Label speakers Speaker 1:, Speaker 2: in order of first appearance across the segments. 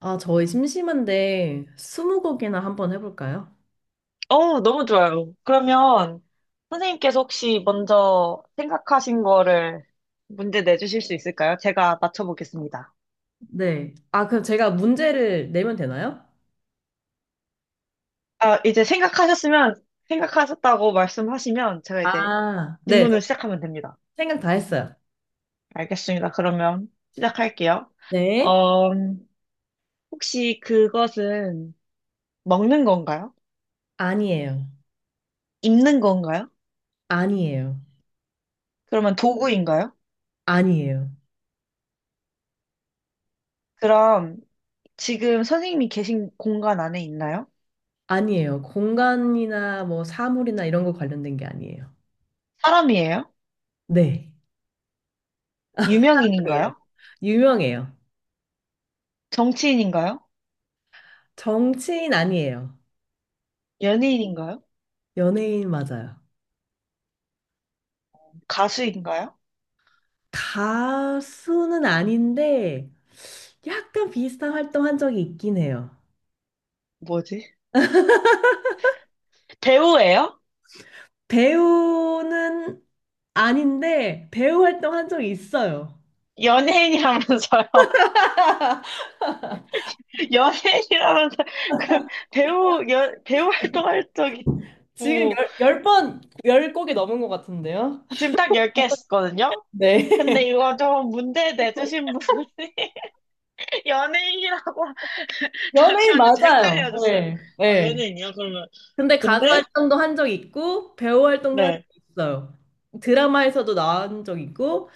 Speaker 1: 아, 저희 심심한데 스무고개나 한번 해볼까요?
Speaker 2: 너무 좋아요. 그러면 선생님께서 혹시 먼저 생각하신 거를 문제 내주실 수 있을까요? 제가 맞춰보겠습니다.
Speaker 1: 네. 아, 그럼 제가 문제를 내면 되나요?
Speaker 2: 아, 이제 생각하셨으면, 생각하셨다고 말씀하시면 제가 이제
Speaker 1: 아, 네. 저
Speaker 2: 질문을 시작하면 됩니다.
Speaker 1: 생각 다 했어요.
Speaker 2: 알겠습니다. 그러면 시작할게요.
Speaker 1: 네.
Speaker 2: 어, 혹시 그것은 먹는 건가요?
Speaker 1: 아니에요.
Speaker 2: 입는 건가요?
Speaker 1: 아니에요.
Speaker 2: 그러면 도구인가요?
Speaker 1: 아니에요.
Speaker 2: 그럼 지금 선생님이 계신 공간 안에 있나요?
Speaker 1: 아니에요. 공간이나 뭐 사물이나 이런 거 관련된 게 아니에요.
Speaker 2: 사람이에요?
Speaker 1: 네. 아니에요.
Speaker 2: 유명인인가요?
Speaker 1: 유명해요.
Speaker 2: 정치인인가요?
Speaker 1: 정치인 아니에요.
Speaker 2: 연예인인가요?
Speaker 1: 연예인 맞아요.
Speaker 2: 가수인가요?
Speaker 1: 가수는 아닌데 약간 비슷한 활동 한 적이 있긴 해요.
Speaker 2: 뭐지? 배우예요?
Speaker 1: 배우는 아닌데 배우 활동한 적이 있어요.
Speaker 2: 연예인이라면서요. 연예인이라면서 그 배우 활동할 적이
Speaker 1: 지금
Speaker 2: 있고
Speaker 1: 열 곡이 넘은 것 같은데요?
Speaker 2: 지금 딱 10개 했거든요.
Speaker 1: 네.
Speaker 2: 근데 이거 좀 문제 내주신 분이 연예인이라고
Speaker 1: 연예인
Speaker 2: 잠시만요. 제
Speaker 1: 맞아요.
Speaker 2: 헷갈려졌어요.
Speaker 1: 네.
Speaker 2: 아,
Speaker 1: 네.
Speaker 2: 연예인이요? 그러면
Speaker 1: 근데 가수
Speaker 2: 근데
Speaker 1: 활동도 한 적 있고 배우 활동도 한 적
Speaker 2: 네.
Speaker 1: 있어요. 드라마에서도 나온 적 있고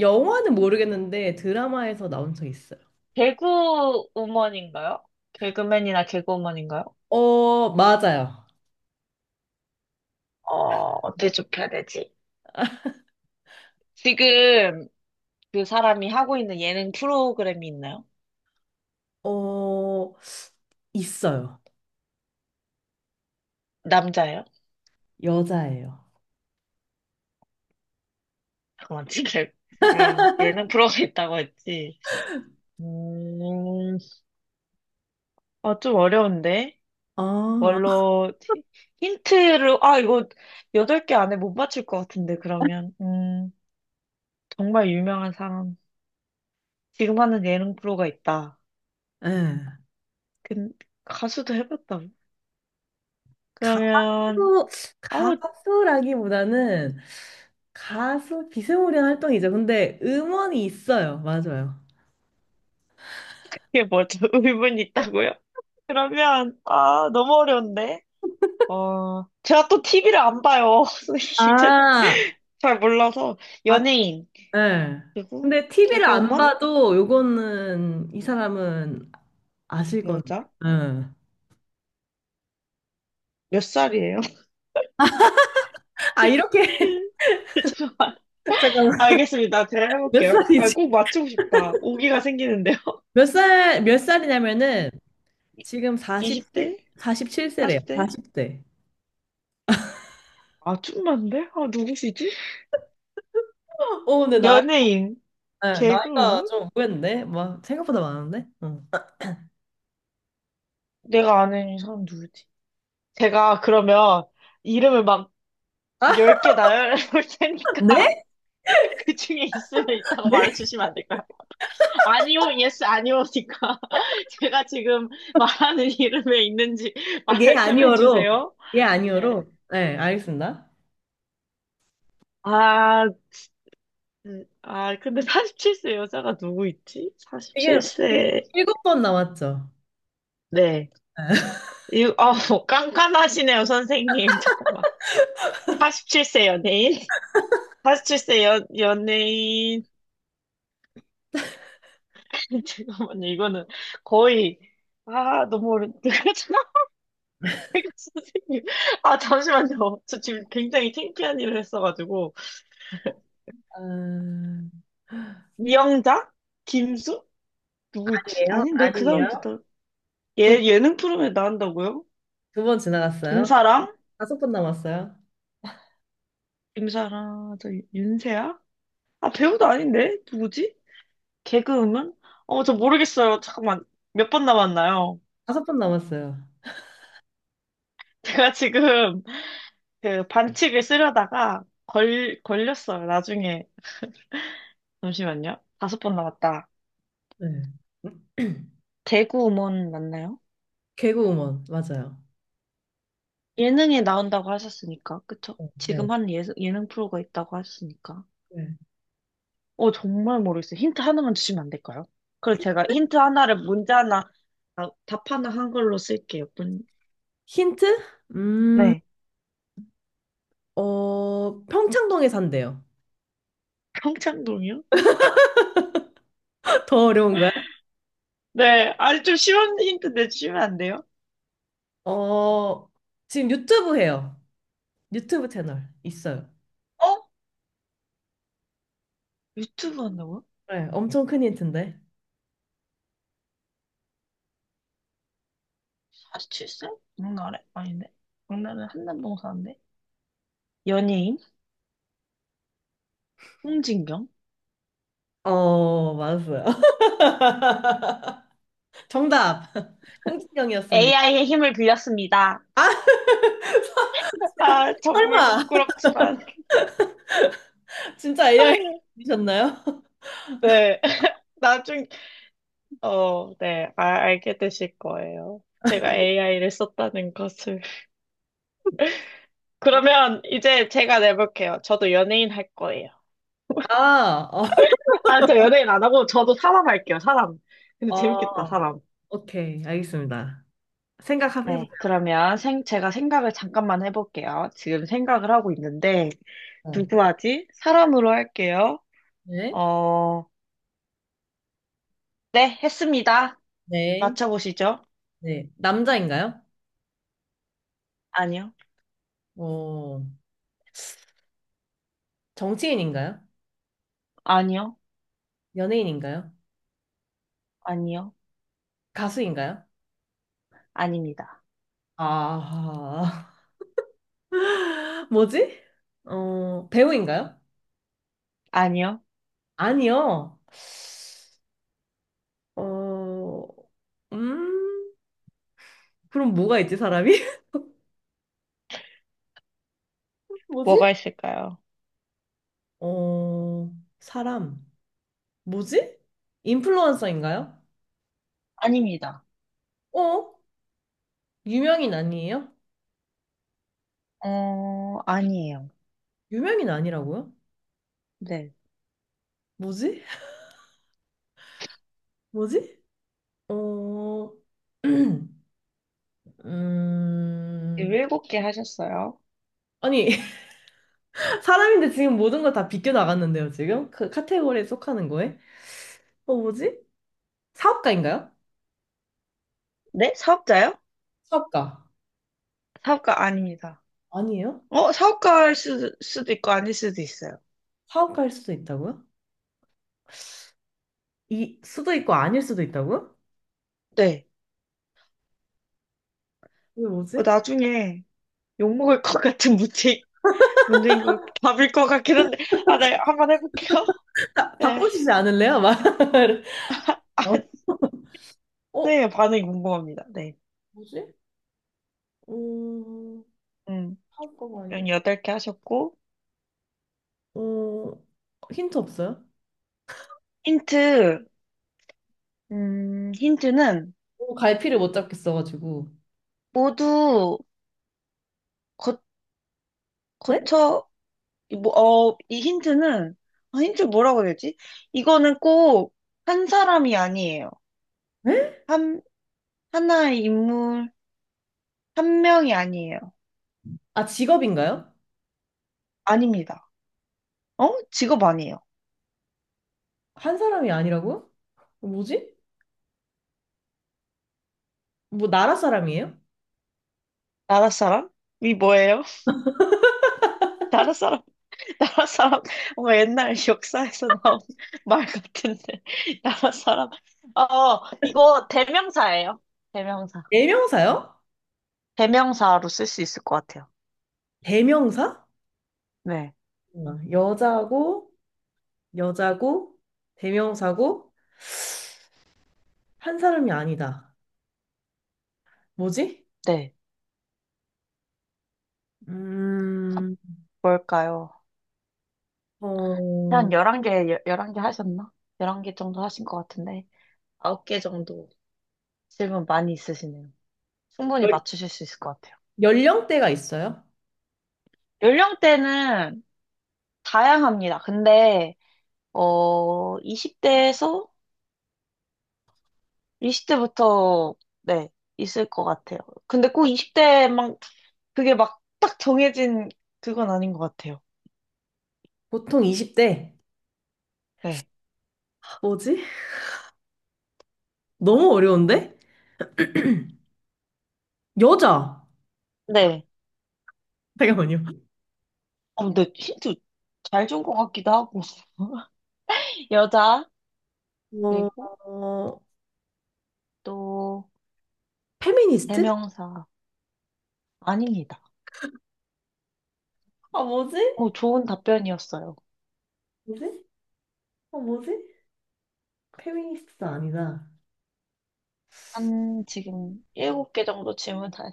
Speaker 1: 영화는 모르겠는데 드라마에서 나온 적 있어요.
Speaker 2: 개그우먼인가요? 개그맨이나 개그우먼인가요?
Speaker 1: 어, 맞아요.
Speaker 2: 어, 어떻게 좁혀야 되지? 지금 그 사람이 하고 있는 예능 프로그램이 있나요?
Speaker 1: 어, 있어요.
Speaker 2: 남자예요?
Speaker 1: 여자예요.
Speaker 2: 잠깐만, 지금 지금 예능 프로가 있다고 했지. 음, 아, 좀 어려운데?
Speaker 1: 아,
Speaker 2: 뭘로, 히- 힌트를, 아, 이거 여덟 개 안에 못 맞출 것 같은데, 그러면. 정말 유명한 사람. 지금 하는 예능 프로가 있다.
Speaker 1: 예.
Speaker 2: 근 가수도 해봤다고? 그러면,
Speaker 1: 또
Speaker 2: 어,
Speaker 1: 가수라기보다는 가수 비스무리한 활동이죠. 근데 음원이 있어요. 맞아요.
Speaker 2: 이게 뭐죠? 의문이 있다고요? 그러면, 아, 너무 어려운데? 어, 제가 또 티비를 안 봐요. 선생님.
Speaker 1: 아,
Speaker 2: 잘 몰라서.
Speaker 1: 아,
Speaker 2: 연예인,
Speaker 1: 네.
Speaker 2: 그리고
Speaker 1: 근데 TV를 안
Speaker 2: 개그우먼?
Speaker 1: 봐도 요거는 이 사람은 아실 건데.
Speaker 2: 여자?
Speaker 1: 네.
Speaker 2: 몇 살이에요?
Speaker 1: 아, 이렇게 잠깐만.
Speaker 2: 알겠습니다. 제가
Speaker 1: 몇
Speaker 2: 해볼게요. 아,
Speaker 1: 살이지?
Speaker 2: 꼭 맞추고 싶다. 오기가 생기는데요.
Speaker 1: 몇 살, 몇 살이냐면은 지금 47,
Speaker 2: 20대?
Speaker 1: 십칠 세래요.
Speaker 2: 40대?
Speaker 1: 40대.
Speaker 2: 아, 좀 많은데? 아, 누구시지?
Speaker 1: 근데 나이,
Speaker 2: 연예인,
Speaker 1: 네, 나이가
Speaker 2: 개그우먼?
Speaker 1: 좀 의외인데? 막 생각보다 많은데? 응.
Speaker 2: 내가 아는 이 사람 누구지? 제가 그러면 이름을 막 10개 나열해 볼 테니까
Speaker 1: 네?
Speaker 2: 그 중에 있으면 이따가
Speaker 1: 네?
Speaker 2: 말해주시면 안 될까요? 아니요, 예스, 아니오니까. 제가 지금 말하는 이름에 있는지
Speaker 1: 아, 예,
Speaker 2: 말씀해
Speaker 1: 아니요로.
Speaker 2: 주세요.
Speaker 1: 예,
Speaker 2: 네.
Speaker 1: 아니요로. 네, 알겠습니다.
Speaker 2: 아, 아, 근데 47세 여자가 누구 있지?
Speaker 1: 되게, 되게
Speaker 2: 47세.
Speaker 1: 일곱 번 남았죠.
Speaker 2: 네. 이, 어, 깐깐하시네요, 선생님. 잠깐만. 47세 연예인? 연예인. 잠깐만요, 이거는 거의, 아, 너무 어려운요 선생님. 아, 잠시만요. 저 지금 굉장히 창피한 일을 했어가지고.
Speaker 1: 아, 아니에요?
Speaker 2: 이영자? 김수? 누구 있지? 아닌데 그 사람도
Speaker 1: 아니에요?
Speaker 2: 다
Speaker 1: 두,
Speaker 2: 예, 예능 프로에 그램 나온다고요?
Speaker 1: 두 번 지나갔어요?
Speaker 2: 김사랑?
Speaker 1: 다섯 번 남았어요?
Speaker 2: 김사랑 저 윤세아? 아 배우도 아닌데 누구지? 개그우먼? 어 저 모르겠어요. 잠깐만 몇 번 남았나요?
Speaker 1: 다섯 번 남았어요.
Speaker 2: 제가 지금 그 반칙을 쓰려다가 걸 걸렸어요. 나중에 잠시만요. 다섯 번 남았다.
Speaker 1: 네.
Speaker 2: 개그우먼 맞나요?
Speaker 1: 개그우먼, 맞아요.
Speaker 2: 예능에 나온다고 하셨으니까 그쵸?
Speaker 1: 어, 네.
Speaker 2: 지금 하는 예능 프로가 있다고 하셨으니까.
Speaker 1: 네.
Speaker 2: 어, 정말 모르겠어요. 힌트 하나만 주시면 안 될까요? 그럼
Speaker 1: 히-
Speaker 2: 제가 힌트 하나를 문제 하나, 아, 답 하나 한글로 쓸게요. 문,
Speaker 1: 힌트? 음,
Speaker 2: 네.
Speaker 1: 어, 평창동에 산대요.
Speaker 2: 평창동이요?
Speaker 1: 더 어려운가요?
Speaker 2: 네. 아니, 좀 쉬운 힌트 내주시면 안 돼요?
Speaker 1: 어, 지금 유튜브 해요. 유튜브 채널 있어요.
Speaker 2: 어? 유튜브 한다고요?
Speaker 1: 네, 엄청 큰 힌트인데.
Speaker 2: 47세? 장난해? 아닌데? 장난은 한남동 사는데? 연예인? 홍진경?
Speaker 1: 어, 맞았어요. 정답. 홍진영이었습니다.
Speaker 2: AI의 힘을 빌렸습니다. 아, 정말
Speaker 1: 설마
Speaker 2: 부끄럽지만.
Speaker 1: 진짜 AI이셨나요?
Speaker 2: 네. 나중, 어, 네. 아, 알게 되실 거예요. 제가 AI를 썼다는 것을. 그러면 이제 제가 내볼게요. 저도 연예인 할 거예요.
Speaker 1: 아, 어,
Speaker 2: 아, 저 연예인 안 하고 저도 사람 할게요, 사람. 근데 재밌겠다,
Speaker 1: 어,
Speaker 2: 사람.
Speaker 1: 오케이, 알겠습니다. 생각해보세요.
Speaker 2: 네, 그러면 제가 생각을 잠깐만 해볼게요. 지금 생각을 하고 있는데, 누구 하지? 사람으로 할게요.
Speaker 1: 네,
Speaker 2: 어, 네, 했습니다.
Speaker 1: 네,
Speaker 2: 맞춰보시죠.
Speaker 1: 네. 남자인가요?
Speaker 2: 아니요,
Speaker 1: 어, 정치인인가요?
Speaker 2: 아니요,
Speaker 1: 연예인인가요?
Speaker 2: 아니요,
Speaker 1: 가수인가요?
Speaker 2: 아닙니다.
Speaker 1: 아, 뭐지? 배우인가요?
Speaker 2: 아니요,
Speaker 1: 아니요. 어, 음, 그럼 뭐가 있지, 사람이? 뭐지?
Speaker 2: 뭐가 있을까요?
Speaker 1: 어, 사람. 뭐지? 인플루언서인가요?
Speaker 2: 아닙니다.
Speaker 1: 어? 유명인 아니에요?
Speaker 2: 어, 아니에요.
Speaker 1: 유명인 아니라고요?
Speaker 2: 네,
Speaker 1: 뭐지? 뭐지? 어, 음,
Speaker 2: 일곱 개 하셨어요.
Speaker 1: 아니, 사람인데 지금 모든 걸 다 비껴나갔는데요, 지금? 그 카테고리에 속하는 거에? 어, 뭐지? 사업가인가요?
Speaker 2: 네, 사업자요?
Speaker 1: 사업가.
Speaker 2: 사업가 아닙니다.
Speaker 1: 아니에요?
Speaker 2: 어, 사업가일 수도 있고 아닐 수도 있어요.
Speaker 1: 사업가일 수도 있다고요? 이, 수도 있고 아닐 수도 있다고요?
Speaker 2: 네.
Speaker 1: 이게
Speaker 2: 어,
Speaker 1: 뭐지?
Speaker 2: 나중에 욕먹을 것 같은 문제인 거 답일 것 같긴 한데, 아, 네, 한번 해볼게요.
Speaker 1: 아,
Speaker 2: 네.
Speaker 1: 바꾸시지 않을래요? 막.
Speaker 2: 아,
Speaker 1: 어, 어,
Speaker 2: 네, 반응이 궁금합니다. 네.
Speaker 1: 뭐지? 음,
Speaker 2: 음,
Speaker 1: 사업가가
Speaker 2: 연
Speaker 1: 아니고.
Speaker 2: 여덟 개 하셨고,
Speaker 1: 어, 힌트 없어요?
Speaker 2: 힌트, 힌트는
Speaker 1: 어, 갈피를 못 잡겠어가지고.
Speaker 2: 모두 거,
Speaker 1: 네?
Speaker 2: 거쳐, 뭐, 어, 이 힌트는, 아, 힌트 뭐라고 해야 되지? 이거는 꼭 한 사람이 아니에요.
Speaker 1: 네?
Speaker 2: 한, 하나의 인물, 한 명이 아니에요.
Speaker 1: 아, 직업인가요?
Speaker 2: 아닙니다. 어? 직업 아니에요.
Speaker 1: 한 사람이 아니라고요? 어, 뭐지? 뭐, 나라 사람이에요?
Speaker 2: 나라 사람이 뭐예요? 나라 사람, 나라 사람, 뭐 옛날 역사에서 나온 말 같은데. 나라 사람. 어, 이거 대명사예요. 대명사.
Speaker 1: 대명사요?
Speaker 2: 대명사로 쓸 수 있을 것 같아요.
Speaker 1: 대명사?
Speaker 2: 네.
Speaker 1: 어, 여자고, 대명사고, 한 사람이 아니다. 뭐지?
Speaker 2: 네.
Speaker 1: 음,
Speaker 2: 뭘까요?
Speaker 1: 어,
Speaker 2: 한 열한 개 11개 하셨나? 11개 정도 하신 것 같은데. 9개 정도 질문 많이 있으시네요. 충분히
Speaker 1: 연-
Speaker 2: 맞추실 수 있을 것 같아요.
Speaker 1: 연령대가 있어요?
Speaker 2: 연령대는 다양합니다. 근데, 어, 20대에서, 20대부터, 네, 있을 것 같아요. 근데 꼭 20대 막, 그게 막, 딱 정해진 그건 아닌 것 같아요.
Speaker 1: 보통 20대.
Speaker 2: 네.
Speaker 1: 뭐지? 너무 어려운데? 여자.
Speaker 2: 네.
Speaker 1: 잠깐만요.
Speaker 2: 어, 근데 힌트 잘 준 것 같기도 하고. 여자,
Speaker 1: 어,
Speaker 2: 그리고
Speaker 1: 어,
Speaker 2: 또,
Speaker 1: 페미니스트?
Speaker 2: 대명사. 아닙니다.
Speaker 1: 아, 뭐지?
Speaker 2: 어, 좋은 답변이었어요.
Speaker 1: 뭐지? 어, 뭐지? 페미니스트 아니다.
Speaker 2: 7개 정도 질문 다,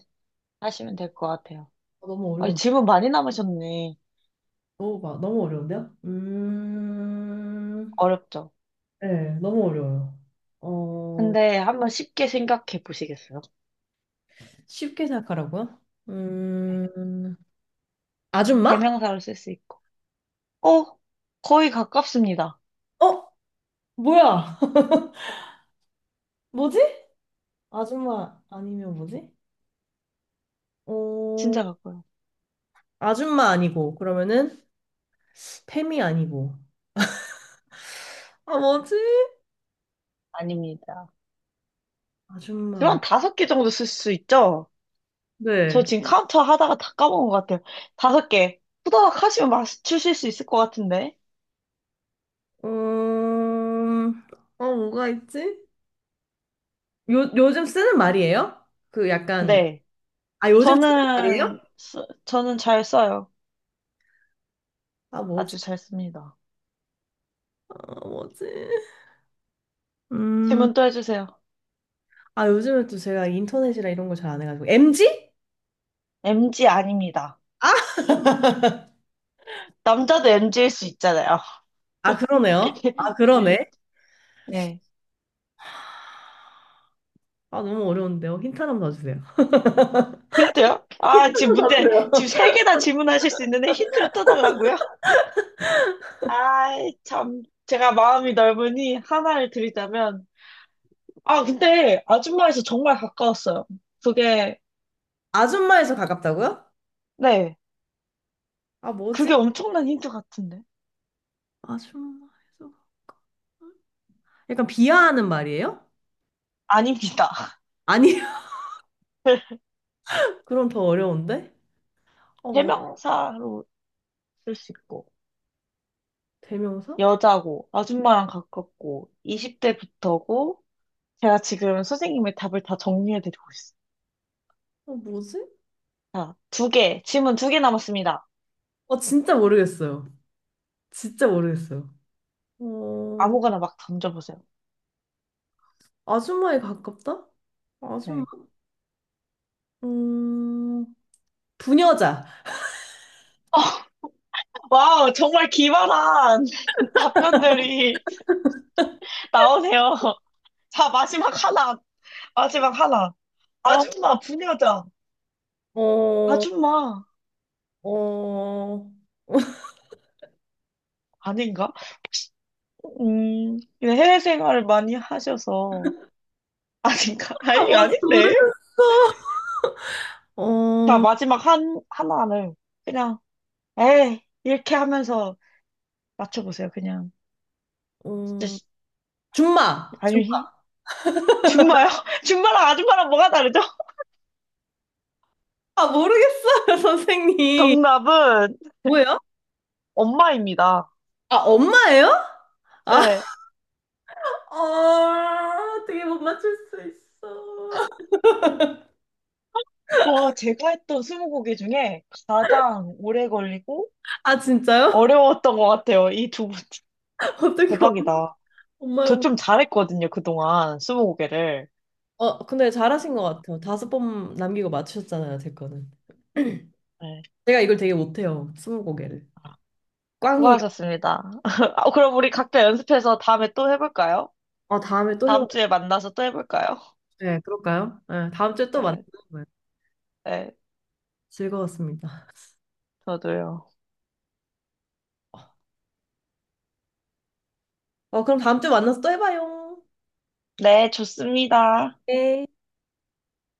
Speaker 2: 하시면 될 것 같아요.
Speaker 1: 아,
Speaker 2: 아, 질문 많이 남으셨네.
Speaker 1: 너무 어려운데요?
Speaker 2: 어렵죠?
Speaker 1: 네, 너무 어려워요. 어,
Speaker 2: 근데 한번 쉽게 생각해 보시겠어요?
Speaker 1: 쉽게 생각하라고요?
Speaker 2: 네.
Speaker 1: 음, 아줌마?
Speaker 2: 대명사로 쓸 수 있고. 어, 거의 가깝습니다.
Speaker 1: 어, 뭐야? 뭐지? 아줌마 아니면 뭐지? 어,
Speaker 2: 진짜 가까워요.
Speaker 1: 아줌마 아니고, 그러면은, 팸이 아니고. 아, 뭐지?
Speaker 2: 아닙니다. 지금
Speaker 1: 아줌마.
Speaker 2: 한 다섯 개 정도 쓸 수 있죠?
Speaker 1: 네.
Speaker 2: 저 지금 카운터 하다가 다 까먹은 것 같아요. 다섯 개. 후다닥 하시면 맞추실 수 있을 것 같은데.
Speaker 1: 음, 뭐가 있지? 요즘 쓰는 말이에요? 그 약간,
Speaker 2: 네.
Speaker 1: 아, 요즘 쓰는 말이에요?
Speaker 2: 저는 잘 써요.
Speaker 1: 아, 뭐지?
Speaker 2: 아주 잘 씁니다.
Speaker 1: 아, 뭐지? 음,
Speaker 2: 질문 또 해주세요.
Speaker 1: 아, 요즘에 또 제가 인터넷이라 이런 걸 잘 안 해가지고. MG?
Speaker 2: MG 아닙니다.
Speaker 1: 아,
Speaker 2: 남자도 MG일 수 있잖아요.
Speaker 1: 아, 그러네요. 아,
Speaker 2: 네.
Speaker 1: 그러네.
Speaker 2: 네.
Speaker 1: 아, 너무 어려운데요. 힌트 하나만 더 주세요.
Speaker 2: 힌트요? 아, 지금 세 개나 질문하실 수 있는데 힌트를 또 달라고요? 아이, 참. 제가 마음이 넓으니 하나를 드리자면. 아, 근데 아줌마에서 정말 가까웠어요. 그게,
Speaker 1: 아줌마에서 가깝다고요?
Speaker 2: 네.
Speaker 1: 아, 뭐지?
Speaker 2: 그게 엄청난 힌트 같은데.
Speaker 1: 아줌마에서 가깝다. 약간 비하하는 말이에요?
Speaker 2: 아닙니다.
Speaker 1: 아니, 그럼 더 어려운데? 어, 뭐,
Speaker 2: 해명사로 쓸 수 있고,
Speaker 1: 대명사?
Speaker 2: 여자고, 아줌마랑 가깝고, 20대부터고, 제가 지금 선생님의 답을 다 정리해드리고 있어요.
Speaker 1: 어, 뭐지?
Speaker 2: 자, 두 개, 질문 두 개 남았습니다.
Speaker 1: 어, 진짜 모르겠어요. 진짜 모르겠어요. 어,
Speaker 2: 아무거나 막 던져보세요.
Speaker 1: 아줌마에 가깝다? 아줌마? 음, 부녀자.
Speaker 2: 와우, 정말 기발한 답변들이 나오세요. 자, 마지막 하나. 마지막 하나.
Speaker 1: 어,
Speaker 2: 아줌마, 부녀자.
Speaker 1: 어,
Speaker 2: 아줌마.
Speaker 1: 어.
Speaker 2: 아닌가? 근데 해외 생활을 많이 하셔서. 아닌가?
Speaker 1: 아,
Speaker 2: 아니,
Speaker 1: 뭔지
Speaker 2: 아닌데?
Speaker 1: 모르겠어.
Speaker 2: 자,
Speaker 1: 어,
Speaker 2: 마지막 하나를 그냥, 에이, 이렇게 하면서 맞춰보세요. 그냥. 진짜,
Speaker 1: 어.
Speaker 2: 시-
Speaker 1: 줌마.
Speaker 2: 아니,
Speaker 1: 줌마.
Speaker 2: 히- 줌마요? 줌마랑 아줌마랑 뭐가 다르죠?
Speaker 1: 아, 모르겠어요, 선생님.
Speaker 2: 정답은
Speaker 1: 뭐예요?
Speaker 2: 엄마입니다.
Speaker 1: 아, 엄마예요? 아,
Speaker 2: 네.
Speaker 1: 어, 어떻게 못 맞출 수 있어.
Speaker 2: 와, 제가 했던 스무고개 중에 가장 오래 걸리고
Speaker 1: 아, 진짜요?
Speaker 2: 어려웠던 것 같아요. 이 두 분.
Speaker 1: 어떻게
Speaker 2: 대박이다.
Speaker 1: 엄마를
Speaker 2: 저
Speaker 1: 보고
Speaker 2: 좀 잘했거든요, 그동안. 스무고개를.
Speaker 1: 어 근데 잘하신 것 같아요. 다섯 번 남기고 맞추셨잖아요, 제 거는.
Speaker 2: 네.
Speaker 1: 제가 이걸 되게 못해요. 스무고개를.
Speaker 2: 아,
Speaker 1: 꽝이에요.
Speaker 2: 수고하셨습니다. 아, 그럼 우리 각자 연습해서 다음에 또 해볼까요?
Speaker 1: 어 다음에 또 해봐요.
Speaker 2: 다음 주에 만나서 또 해볼까요?
Speaker 1: 네, 그럴까요? 네, 다음 주에 또 만나요.
Speaker 2: 네,
Speaker 1: 네,
Speaker 2: 네,
Speaker 1: 즐거웠습니다.
Speaker 2: 저도요.
Speaker 1: 어, 그럼 다음 주에 만나서 또 해봐요.
Speaker 2: 네, 좋습니다.
Speaker 1: 네.